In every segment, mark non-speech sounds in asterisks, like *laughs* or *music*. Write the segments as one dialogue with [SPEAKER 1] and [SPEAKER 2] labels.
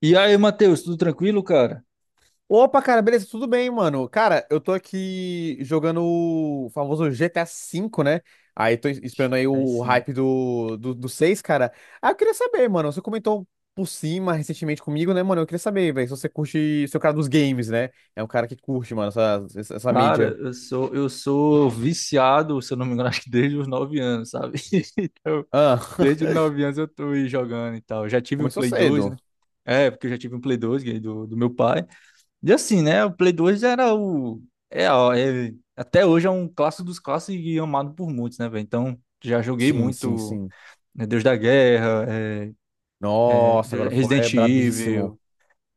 [SPEAKER 1] E aí, Matheus, tudo tranquilo, cara?
[SPEAKER 2] Opa, cara, beleza, tudo bem, mano? Cara, eu tô aqui jogando o famoso GTA V, né? Aí tô esperando aí
[SPEAKER 1] Aí
[SPEAKER 2] o
[SPEAKER 1] sim.
[SPEAKER 2] hype do 6, cara. Ah, eu queria saber, mano, você comentou por cima recentemente comigo, né, mano? Eu queria saber, velho, se você curte, se é o cara dos games, né? É um cara que curte, mano, essa
[SPEAKER 1] Cara,
[SPEAKER 2] mídia.
[SPEAKER 1] eu sou viciado, se eu não me engano, *laughs* acho que desde os 9 anos, sabe? *laughs* Então,
[SPEAKER 2] Ah,
[SPEAKER 1] desde os
[SPEAKER 2] *laughs*
[SPEAKER 1] 9 anos eu tô aí jogando e tal. Já tive um
[SPEAKER 2] começou
[SPEAKER 1] Play 2,
[SPEAKER 2] cedo.
[SPEAKER 1] né? É, porque eu já tive um Play 2, ganhei do meu pai. E assim, né? O Play 2 era o. É, ó, até hoje é um clássico dos clássicos e amado por muitos, né, velho? Então, já joguei
[SPEAKER 2] Sim, sim,
[SPEAKER 1] muito,
[SPEAKER 2] sim.
[SPEAKER 1] né, Deus da Guerra, é,
[SPEAKER 2] Nossa, agora foi é
[SPEAKER 1] Resident
[SPEAKER 2] brabíssimo.
[SPEAKER 1] Evil.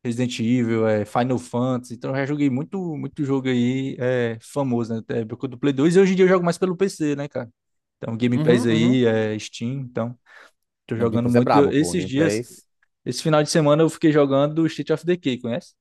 [SPEAKER 1] Resident Evil, é, Final Fantasy. Então eu já joguei muito, muito jogo aí é, famoso, né? Da época do Play 2. E hoje em dia eu jogo mais pelo PC, né, cara? Então Game
[SPEAKER 2] Uhum,
[SPEAKER 1] Pass
[SPEAKER 2] uhum.
[SPEAKER 1] aí, é, Steam, então tô
[SPEAKER 2] Não, Game
[SPEAKER 1] jogando
[SPEAKER 2] Pass é
[SPEAKER 1] muito.
[SPEAKER 2] brabo, pô.
[SPEAKER 1] Esses
[SPEAKER 2] Game
[SPEAKER 1] dias,
[SPEAKER 2] Pass.
[SPEAKER 1] esse final de semana eu fiquei jogando State of Decay, conhece?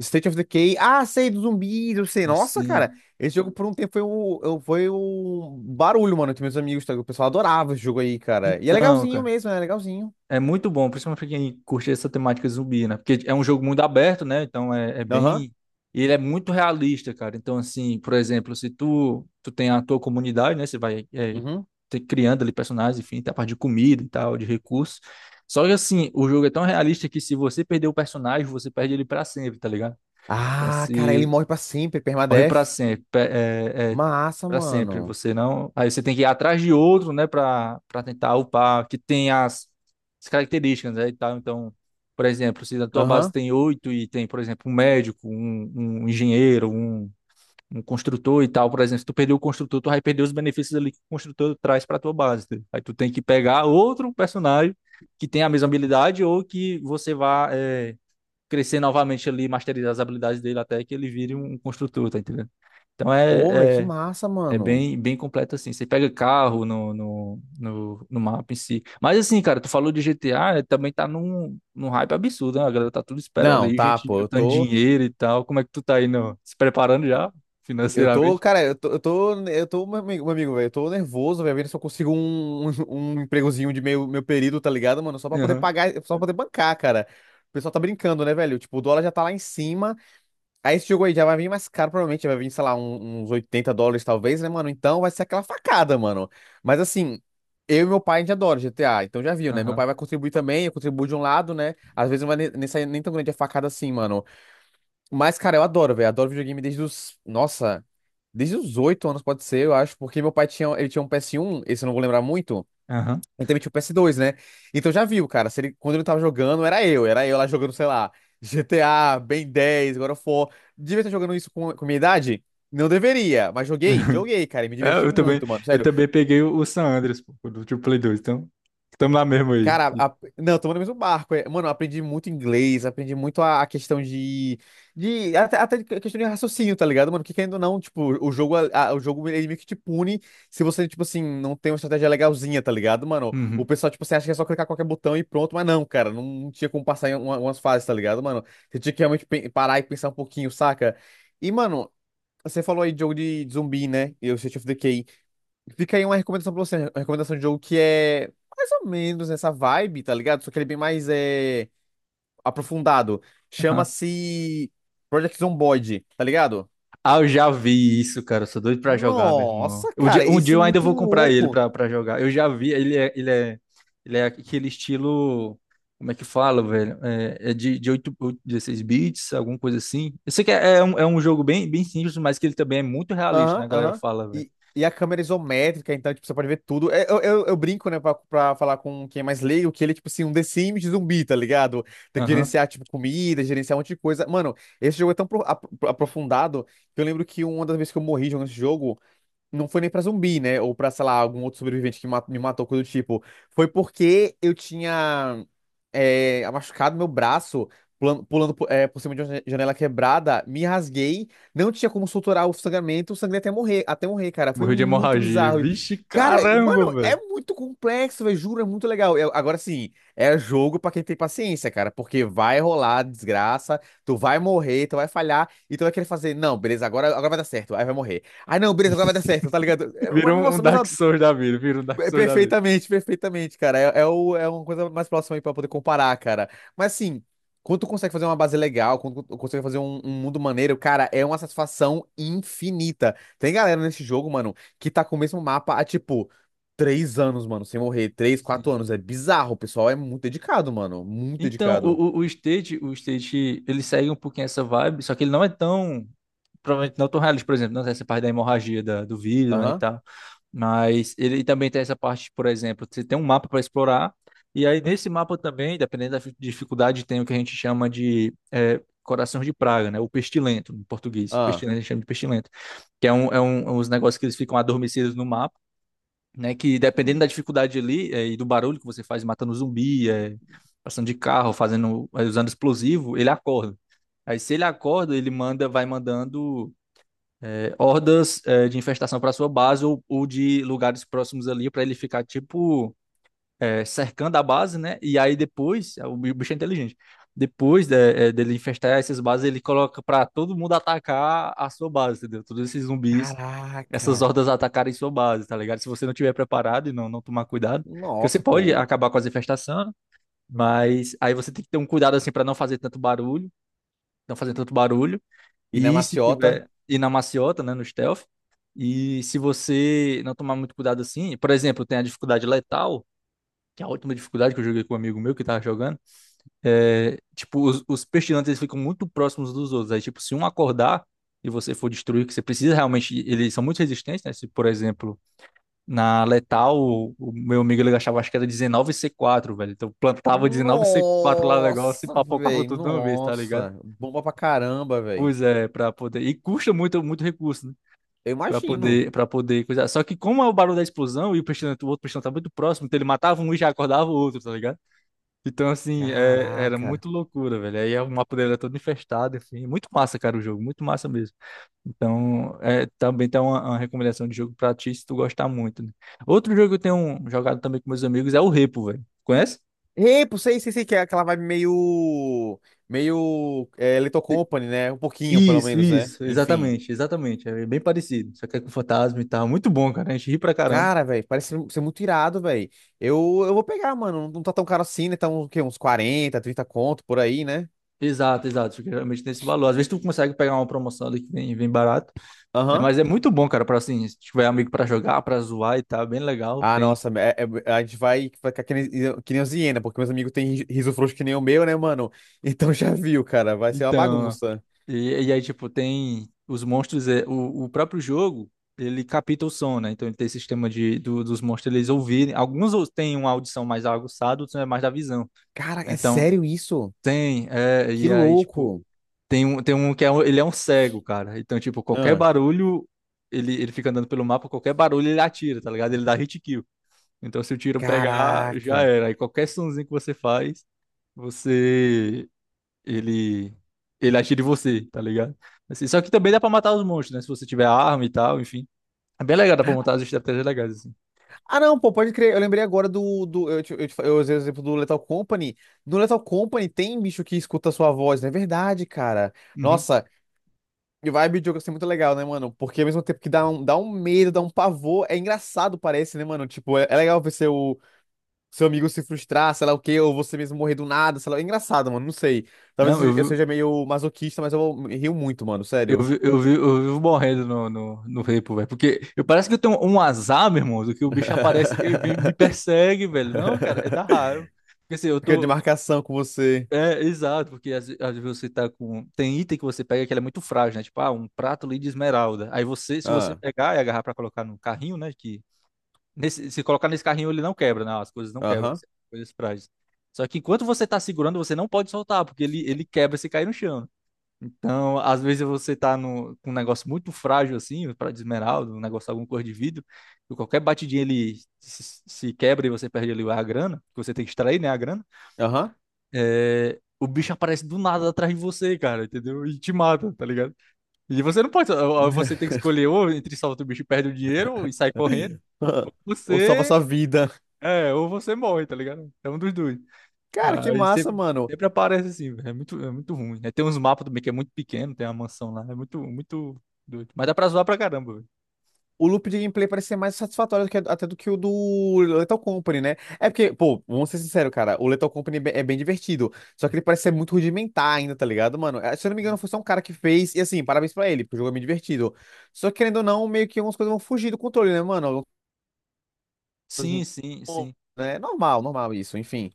[SPEAKER 2] State of Decay. Ah, sei, do zumbi, eu sei.
[SPEAKER 1] E
[SPEAKER 2] Nossa, cara.
[SPEAKER 1] sim.
[SPEAKER 2] Esse jogo por um tempo foi foi um barulho, mano, entre meus amigos. Tá? O pessoal adorava esse jogo aí, cara. E é
[SPEAKER 1] Então,
[SPEAKER 2] legalzinho
[SPEAKER 1] cara.
[SPEAKER 2] mesmo, é legalzinho.
[SPEAKER 1] É muito bom, principalmente pra quem curte essa temática zumbi, né? Porque é um jogo muito aberto, né? Então é
[SPEAKER 2] Aham.
[SPEAKER 1] bem. E ele é muito realista, cara. Então, assim, por exemplo, se tu tem a tua comunidade, né? Você vai
[SPEAKER 2] Uhum.
[SPEAKER 1] criando ali personagens, enfim, tem a parte de comida e tal, de recursos. Só que, assim, o jogo é tão realista que se você perder o personagem, você perde ele pra sempre, tá ligado? Então,
[SPEAKER 2] Ah, cara, ele
[SPEAKER 1] se
[SPEAKER 2] morre pra sempre,
[SPEAKER 1] morre pra
[SPEAKER 2] permadeath.
[SPEAKER 1] sempre,
[SPEAKER 2] Massa,
[SPEAKER 1] para sempre,
[SPEAKER 2] mano.
[SPEAKER 1] você não. Aí você tem que ir atrás de outro, né, para tentar upar, que tem as características, né, e tal. Então, por exemplo, se na tua base
[SPEAKER 2] Aham.
[SPEAKER 1] tem oito e tem, por exemplo, um médico, um engenheiro, um construtor e tal, por exemplo, se tu perder o construtor, tu vai perder os benefícios ali que o construtor traz para tua base. Entendeu? Aí tu tem que pegar outro personagem que tem a mesma habilidade ou que você vá é, crescer novamente ali, masterizar as habilidades dele até que ele vire um construtor, tá entendendo? Então
[SPEAKER 2] Ô, velho, que
[SPEAKER 1] é, é
[SPEAKER 2] massa,
[SPEAKER 1] é
[SPEAKER 2] mano.
[SPEAKER 1] bem, bem completo assim. Você pega carro no mapa em si. Mas assim, cara, tu falou de GTA, também tá num hype absurdo, né? A galera tá tudo esperando
[SPEAKER 2] Não,
[SPEAKER 1] aí,
[SPEAKER 2] tá,
[SPEAKER 1] gente
[SPEAKER 2] pô, eu
[SPEAKER 1] juntando
[SPEAKER 2] tô.
[SPEAKER 1] dinheiro e tal. Como é que tu tá aí no, se preparando já
[SPEAKER 2] Eu tô,
[SPEAKER 1] financeiramente?
[SPEAKER 2] cara, meu amigo, velho, eu tô nervoso, velho, vendo se eu consigo um empregozinho de meio, meu período, tá ligado, mano? Só pra poder
[SPEAKER 1] Aham,
[SPEAKER 2] pagar, só pra poder bancar, cara. O pessoal tá brincando, né, velho? Tipo, o dólar já tá lá em cima. Aí esse jogo aí já vai vir mais caro, provavelmente. Vai vir, sei lá, uns 80 dólares, talvez, né, mano? Então vai ser aquela facada, mano. Mas assim, eu e meu pai, a gente adora GTA, então já viu, né? Meu
[SPEAKER 1] aham,
[SPEAKER 2] pai vai contribuir também, eu contribuo de um lado, né? Às vezes não vai nem sair nem tão grande a facada assim, mano. Mas, cara, eu adoro, velho. Adoro videogame desde os. Nossa, desde os 8 anos, pode ser, eu acho, porque meu pai tinha. Ele tinha um PS1, esse eu não vou lembrar muito.
[SPEAKER 1] aham.
[SPEAKER 2] E também tinha o PS2, né? Então já viu, cara. Se ele, quando ele tava jogando, era eu. Era eu lá jogando, sei lá, GTA, Ben 10, God of War. Devia estar jogando isso com minha idade? Não deveria, mas joguei,
[SPEAKER 1] *laughs*
[SPEAKER 2] joguei, cara. E me
[SPEAKER 1] É,
[SPEAKER 2] diverti
[SPEAKER 1] eu também,
[SPEAKER 2] muito, mano.
[SPEAKER 1] eu
[SPEAKER 2] Sério.
[SPEAKER 1] também peguei o San Andreas, pô, do Play 2, então estamos lá mesmo aí.
[SPEAKER 2] Cara, não, estamos no mesmo barco. É. Mano, eu aprendi muito inglês, aprendi muito a questão de, até de questão de raciocínio, tá ligado, mano? Porque querendo ou não, tipo, o jogo, o jogo ele meio que te pune se você, tipo assim, não tem uma estratégia legalzinha, tá ligado, mano? O
[SPEAKER 1] Uhum,
[SPEAKER 2] pessoal, tipo, você acha que é só clicar qualquer botão e pronto, mas não, cara, não, não tinha como passar em umas fases, tá ligado, mano? Você tinha que realmente parar e pensar um pouquinho, saca? E, mano, você falou aí de jogo de zumbi, né? E o State of Decay. Fica aí uma recomendação pra você, né? Uma recomendação de jogo que é mais ou menos nessa vibe, tá ligado? Só que ele é bem mais aprofundado. Chama-se Project Zomboid, tá ligado?
[SPEAKER 1] ah, eu já vi isso, cara. Eu sou doido pra jogar, meu irmão.
[SPEAKER 2] Nossa, cara,
[SPEAKER 1] Um dia
[SPEAKER 2] esse é
[SPEAKER 1] eu ainda
[SPEAKER 2] muito
[SPEAKER 1] vou comprar ele
[SPEAKER 2] louco.
[SPEAKER 1] pra, pra jogar. Eu já vi, ele é aquele estilo. Como é que fala, velho? É de 8 8, 16 bits, alguma coisa assim. Eu sei que é um jogo bem, bem simples, mas que ele também é muito realista, né?
[SPEAKER 2] Aham,
[SPEAKER 1] A galera
[SPEAKER 2] aham.
[SPEAKER 1] fala, velho.
[SPEAKER 2] E a câmera é isométrica, então, tipo, você pode ver tudo. Eu brinco, né, pra falar com quem é mais leigo, que ele é, tipo, assim, um The Sims de zumbi, tá ligado? Tem que
[SPEAKER 1] Aham.
[SPEAKER 2] gerenciar, tipo, comida, gerenciar um monte de coisa. Mano, esse jogo é tão aprofundado que eu lembro que uma das vezes que eu morri jogando esse jogo, não foi nem pra zumbi, né? Ou pra, sei lá, algum outro sobrevivente que me matou, coisa do tipo. Foi porque eu tinha machucado meu braço pulando, por cima de uma janela quebrada, me rasguei, não tinha como suturar o sangramento, eu sangrei até morrer, cara. Foi
[SPEAKER 1] Morreu de
[SPEAKER 2] muito
[SPEAKER 1] hemorragia.
[SPEAKER 2] bizarro. E,
[SPEAKER 1] Vixe,
[SPEAKER 2] cara,
[SPEAKER 1] caramba,
[SPEAKER 2] mano, é
[SPEAKER 1] velho.
[SPEAKER 2] muito complexo, velho, juro, é muito legal. Agora sim, é jogo pra quem tem paciência, cara, porque vai rolar desgraça, tu vai morrer, tu vai falhar, e tu vai querer fazer, não, beleza, agora, agora vai dar certo, aí vai morrer. Ah, não, beleza, agora vai dar certo, tá ligado? É, mas,
[SPEAKER 1] Virou um
[SPEAKER 2] nossa, mas
[SPEAKER 1] Dark
[SPEAKER 2] ó,
[SPEAKER 1] Souls da vida. Virou um Dark
[SPEAKER 2] é
[SPEAKER 1] Souls da
[SPEAKER 2] perfeitamente, perfeitamente, cara. É uma coisa mais próxima aí pra poder comparar, cara. Mas assim, quando tu consegue fazer uma base legal, quando tu consegue fazer um mundo maneiro, cara, é uma satisfação infinita. Tem galera nesse jogo, mano, que tá com o mesmo mapa há, tipo, 3 anos, mano, sem morrer. Três,
[SPEAKER 1] vida.
[SPEAKER 2] quatro anos. É bizarro, o pessoal é muito dedicado, mano. Muito
[SPEAKER 1] Então,
[SPEAKER 2] dedicado.
[SPEAKER 1] o State, ele segue um pouquinho essa vibe, só que ele não é tão, provavelmente não tão realista, por exemplo, não tem essa parte da hemorragia da, do vidro, né, e
[SPEAKER 2] Aham,
[SPEAKER 1] tal. Mas ele também tem essa parte, por exemplo, você tem um mapa para explorar, e aí nesse mapa também, dependendo da fi- dificuldade, tem o que a gente chama de é, coração de praga, né, o pestilento, em português,
[SPEAKER 2] ah.
[SPEAKER 1] pestilento, a gente chama de pestilento, que uns negócios que eles ficam adormecidos no mapa, né? Que dependendo da dificuldade ali é, e do barulho que você faz matando zumbi, é, passando de carro, fazendo, é, usando explosivo, ele acorda. Aí se ele acorda, ele manda, vai mandando é, hordas é, de infestação para sua base ou de lugares próximos ali para ele ficar tipo é, cercando a base, né? E aí depois, é, o bicho é inteligente. Depois dele infestar essas bases, ele coloca pra todo mundo atacar a sua base, entendeu? Todos esses zumbis, essas
[SPEAKER 2] Caraca.
[SPEAKER 1] hordas atacarem sua base, tá ligado? Se você não tiver preparado e não tomar cuidado, porque você
[SPEAKER 2] Nossa,
[SPEAKER 1] pode
[SPEAKER 2] pô.
[SPEAKER 1] acabar com as infestações, mas aí você tem que ter um cuidado assim pra não fazer tanto barulho, não fazer tanto barulho.
[SPEAKER 2] E na
[SPEAKER 1] E se
[SPEAKER 2] maciota.
[SPEAKER 1] tiver e na maciota, né, no stealth, e se você não tomar muito cuidado assim, por exemplo, tem a dificuldade letal, que é a última dificuldade que eu joguei com um amigo meu que tava jogando, é, tipo, os pestilantes eles ficam muito próximos dos outros. Aí, tipo, se um acordar e você for destruir, que você precisa realmente, eles são muito resistentes, né? Se, por exemplo, na letal, o meu amigo ele achava, acho que era 19 c quatro velho. Então plantava 19 c quatro lá no negócio e
[SPEAKER 2] Nossa,
[SPEAKER 1] papocava
[SPEAKER 2] velho.
[SPEAKER 1] tudo de uma vez, tá ligado?
[SPEAKER 2] Nossa. Bomba pra caramba, velho.
[SPEAKER 1] Pois é, pra poder. E custa muito, muito recurso, né?
[SPEAKER 2] Eu imagino.
[SPEAKER 1] Pra poder coisar. Só que, como é o barulho da explosão e o pestilante, o outro pestilante tá muito próximo, então ele matava um e já acordava o outro, tá ligado? Então, assim, era
[SPEAKER 2] Caraca.
[SPEAKER 1] muito loucura, velho. Aí o mapa dele era todo infestado, enfim. Muito massa, cara, o jogo, muito massa mesmo. Então, é, também tem uma recomendação de jogo pra ti, se tu gostar muito, né? Outro jogo que eu tenho jogado também com meus amigos é o Repo, velho. Conhece?
[SPEAKER 2] Ei, pô, sei, sei, sei que é aquela vibe meio. Meio. É, Little Company, né? Um pouquinho, pelo
[SPEAKER 1] Isso,
[SPEAKER 2] menos, né?
[SPEAKER 1] isso,
[SPEAKER 2] Enfim.
[SPEAKER 1] exatamente, exatamente. É bem parecido, só que é com fantasma e tal. Muito bom, cara. A gente ri pra caramba.
[SPEAKER 2] Cara, velho, parece ser muito irado, velho. Eu vou pegar, mano. Não tá tão caro assim, né? Tá um, o quê? Uns 40, 30 conto por aí, né?
[SPEAKER 1] Exato, exato. Isso geralmente tem esse valor. Às vezes tu consegue pegar uma promoção ali que vem, barato, né?
[SPEAKER 2] Aham.
[SPEAKER 1] Mas é muito bom, cara, pra assim, se tiver amigo pra jogar, pra zoar e tal, é bem legal.
[SPEAKER 2] Ah,
[SPEAKER 1] Tem
[SPEAKER 2] nossa, a gente vai ficar que nem os hiena, porque meus amigos têm riso frouxo que nem o meu, né, mano? *laughs* Então já viu, cara, vai ser uma
[SPEAKER 1] Então,
[SPEAKER 2] bagunça.
[SPEAKER 1] e aí, tipo, tem os monstros, o próprio jogo, ele capta o som, né? Então ele tem esse sistema dos monstros eles ouvirem. Alguns têm uma audição mais aguçada, outros é mais da visão.
[SPEAKER 2] Cara, é
[SPEAKER 1] Então,
[SPEAKER 2] sério isso?
[SPEAKER 1] tem, é,
[SPEAKER 2] Que
[SPEAKER 1] e aí, tipo,
[SPEAKER 2] louco.
[SPEAKER 1] tem um que é, um- ele é um cego, cara. Então, tipo, qualquer
[SPEAKER 2] Ah,
[SPEAKER 1] barulho, ele fica andando pelo mapa, qualquer barulho ele atira, tá ligado? Ele dá hit kill. Então, se o tiro pegar, já
[SPEAKER 2] caraca.
[SPEAKER 1] era. Aí qualquer sonzinho que você faz, você ele ele atira em você, tá ligado? Assim, só que também dá pra matar os monstros, né? Se você tiver arma e tal, enfim. É bem legal, dá pra montar as estratégias legais, assim.
[SPEAKER 2] Ah, não, pô, pode crer. Eu lembrei agora do. Do eu, te- fa- eu usei o exemplo do Lethal Company. No Lethal Company tem bicho que escuta a sua voz, não é verdade, cara?
[SPEAKER 1] Uhum.
[SPEAKER 2] Nossa, e vibe de jogo assim é muito legal, né, mano? Porque ao mesmo tempo que dá dá um medo, dá um pavor, é engraçado, parece, né, mano? Tipo, é legal ver seu. Seu amigo se frustrar, sei lá o quê, ou você mesmo morrer do nada, sei lá. É engraçado, mano, não sei. Talvez
[SPEAKER 1] Não,
[SPEAKER 2] eu seja eu seja meio masoquista, mas eu me rio muito, mano, sério.
[SPEAKER 1] eu vivo morrendo no repo, velho. Porque eu parece que eu tenho um azar, meu irmão, do que o bicho aparece e me
[SPEAKER 2] *laughs*
[SPEAKER 1] persegue, velho. Não, cara, é da raiva. Porque assim, eu
[SPEAKER 2] Fica de
[SPEAKER 1] tô.
[SPEAKER 2] marcação com você.
[SPEAKER 1] É, exato, porque às vezes você tá com. Tem item que você pega que ele é muito frágil, né? Tipo, ah, um prato ali de esmeralda. Aí você, se você
[SPEAKER 2] Ah,
[SPEAKER 1] pegar e agarrar pra colocar no carrinho, né? Se colocar nesse carrinho, ele não quebra, não, as coisas não quebram,
[SPEAKER 2] aham,
[SPEAKER 1] assim, as coisas frágeis. Só que enquanto você tá segurando, você não pode soltar, porque ele quebra se cair no chão. Então, às vezes você tá no, com um negócio muito frágil assim, pra de esmeralda, um negócio, alguma cor de vidro, e qualquer batidinha ele se quebra e você perde ali a grana, que você tem que extrair, né, a grana.
[SPEAKER 2] aham.
[SPEAKER 1] É, o bicho aparece do nada atrás de você, cara, entendeu? E te mata, tá ligado? E você não pode, ou você tem que escolher ou entre solta o bicho e perde o dinheiro, e sai correndo,
[SPEAKER 2] *laughs* Ah, ou salva
[SPEAKER 1] você
[SPEAKER 2] sua vida.
[SPEAKER 1] ou você morre, tá ligado? É um dos dois.
[SPEAKER 2] Cara, que
[SPEAKER 1] Aí
[SPEAKER 2] massa,
[SPEAKER 1] sempre,
[SPEAKER 2] mano.
[SPEAKER 1] sempre aparece assim, velho. É muito ruim. Aí tem uns mapas também que é muito pequeno, tem uma mansão lá. É muito, muito doido. Mas dá pra zoar pra caramba, velho.
[SPEAKER 2] O loop de gameplay parece ser mais satisfatório até do que o do Lethal Company, né? É porque, pô, vamos ser sinceros, cara, o Lethal Company é bem divertido, só que ele parece ser muito rudimentar ainda, tá ligado, mano? Se eu não me engano, foi só um cara que fez, e assim, parabéns pra ele, porque o jogo é bem divertido. Só que, querendo ou não, meio que algumas coisas vão fugir do controle, né, mano? Algumas
[SPEAKER 1] Sim,
[SPEAKER 2] coisas,
[SPEAKER 1] sim, sim.
[SPEAKER 2] né? Normal, normal isso, enfim.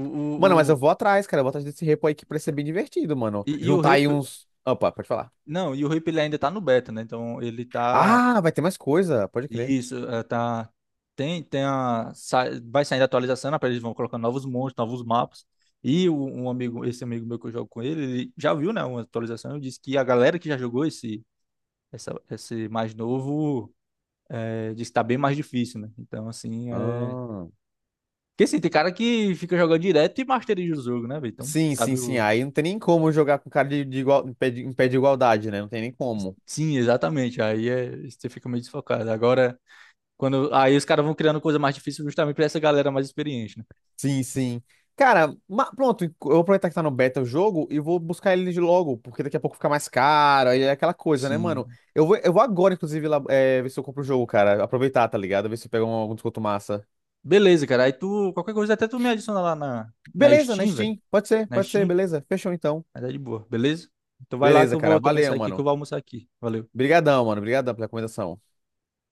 [SPEAKER 1] O, o,
[SPEAKER 2] Mano, mas eu
[SPEAKER 1] o-
[SPEAKER 2] vou atrás, cara, eu vou atrás desse repo aí que parece ser bem divertido, mano.
[SPEAKER 1] e o
[SPEAKER 2] Juntar
[SPEAKER 1] Rip.
[SPEAKER 2] aí uns... Opa, pode falar.
[SPEAKER 1] Não, e o Rip ele ainda tá no beta, né? Então ele tá.
[SPEAKER 2] Ah, vai ter mais coisa, pode crer.
[SPEAKER 1] Isso, é, tá. Tem a. Vai saindo a atualização, né? Eles vão colocando novos monstros, novos mapas. Um amigo, esse amigo meu que eu jogo com ele, ele já viu, né? Uma atualização. Ele disse que a galera que já jogou esse mais novo é, diz que tá bem mais difícil, né? Então, assim, é...
[SPEAKER 2] Ah.
[SPEAKER 1] Porque, assim, tem cara que fica jogando direto e masteriza o jogo, né, velho? Então,
[SPEAKER 2] Sim, sim,
[SPEAKER 1] sabe
[SPEAKER 2] sim.
[SPEAKER 1] o...
[SPEAKER 2] Aí não tem nem como jogar com cara de igual, em pé de igualdade, né? Não tem nem como.
[SPEAKER 1] Sim, exatamente. Aí é... você fica meio desfocado. Agora, quando... Aí os caras vão criando coisa mais difícil justamente pra essa galera mais experiente, né?
[SPEAKER 2] Sim, sim. Cara, pronto, eu vou aproveitar que tá no beta o jogo e vou buscar ele de logo, porque daqui a pouco fica mais caro, aí é aquela coisa, né, mano?
[SPEAKER 1] Sim.
[SPEAKER 2] Eu vou agora, inclusive, lá, é, ver se eu compro o jogo, cara. Aproveitar, tá ligado? Ver se eu pego algum desconto massa.
[SPEAKER 1] Beleza, cara. Aí tu... Qualquer coisa, até tu me adiciona lá na
[SPEAKER 2] Beleza, na
[SPEAKER 1] Steam, velho.
[SPEAKER 2] Steam.
[SPEAKER 1] Na
[SPEAKER 2] Pode ser,
[SPEAKER 1] Steam.
[SPEAKER 2] beleza. Fechou então.
[SPEAKER 1] Mas é de boa, beleza? Então vai lá que
[SPEAKER 2] Beleza,
[SPEAKER 1] eu
[SPEAKER 2] cara.
[SPEAKER 1] vou também
[SPEAKER 2] Valeu,
[SPEAKER 1] sair aqui, que eu
[SPEAKER 2] mano.
[SPEAKER 1] vou almoçar aqui. Valeu.
[SPEAKER 2] Obrigadão, mano. Obrigadão pela recomendação.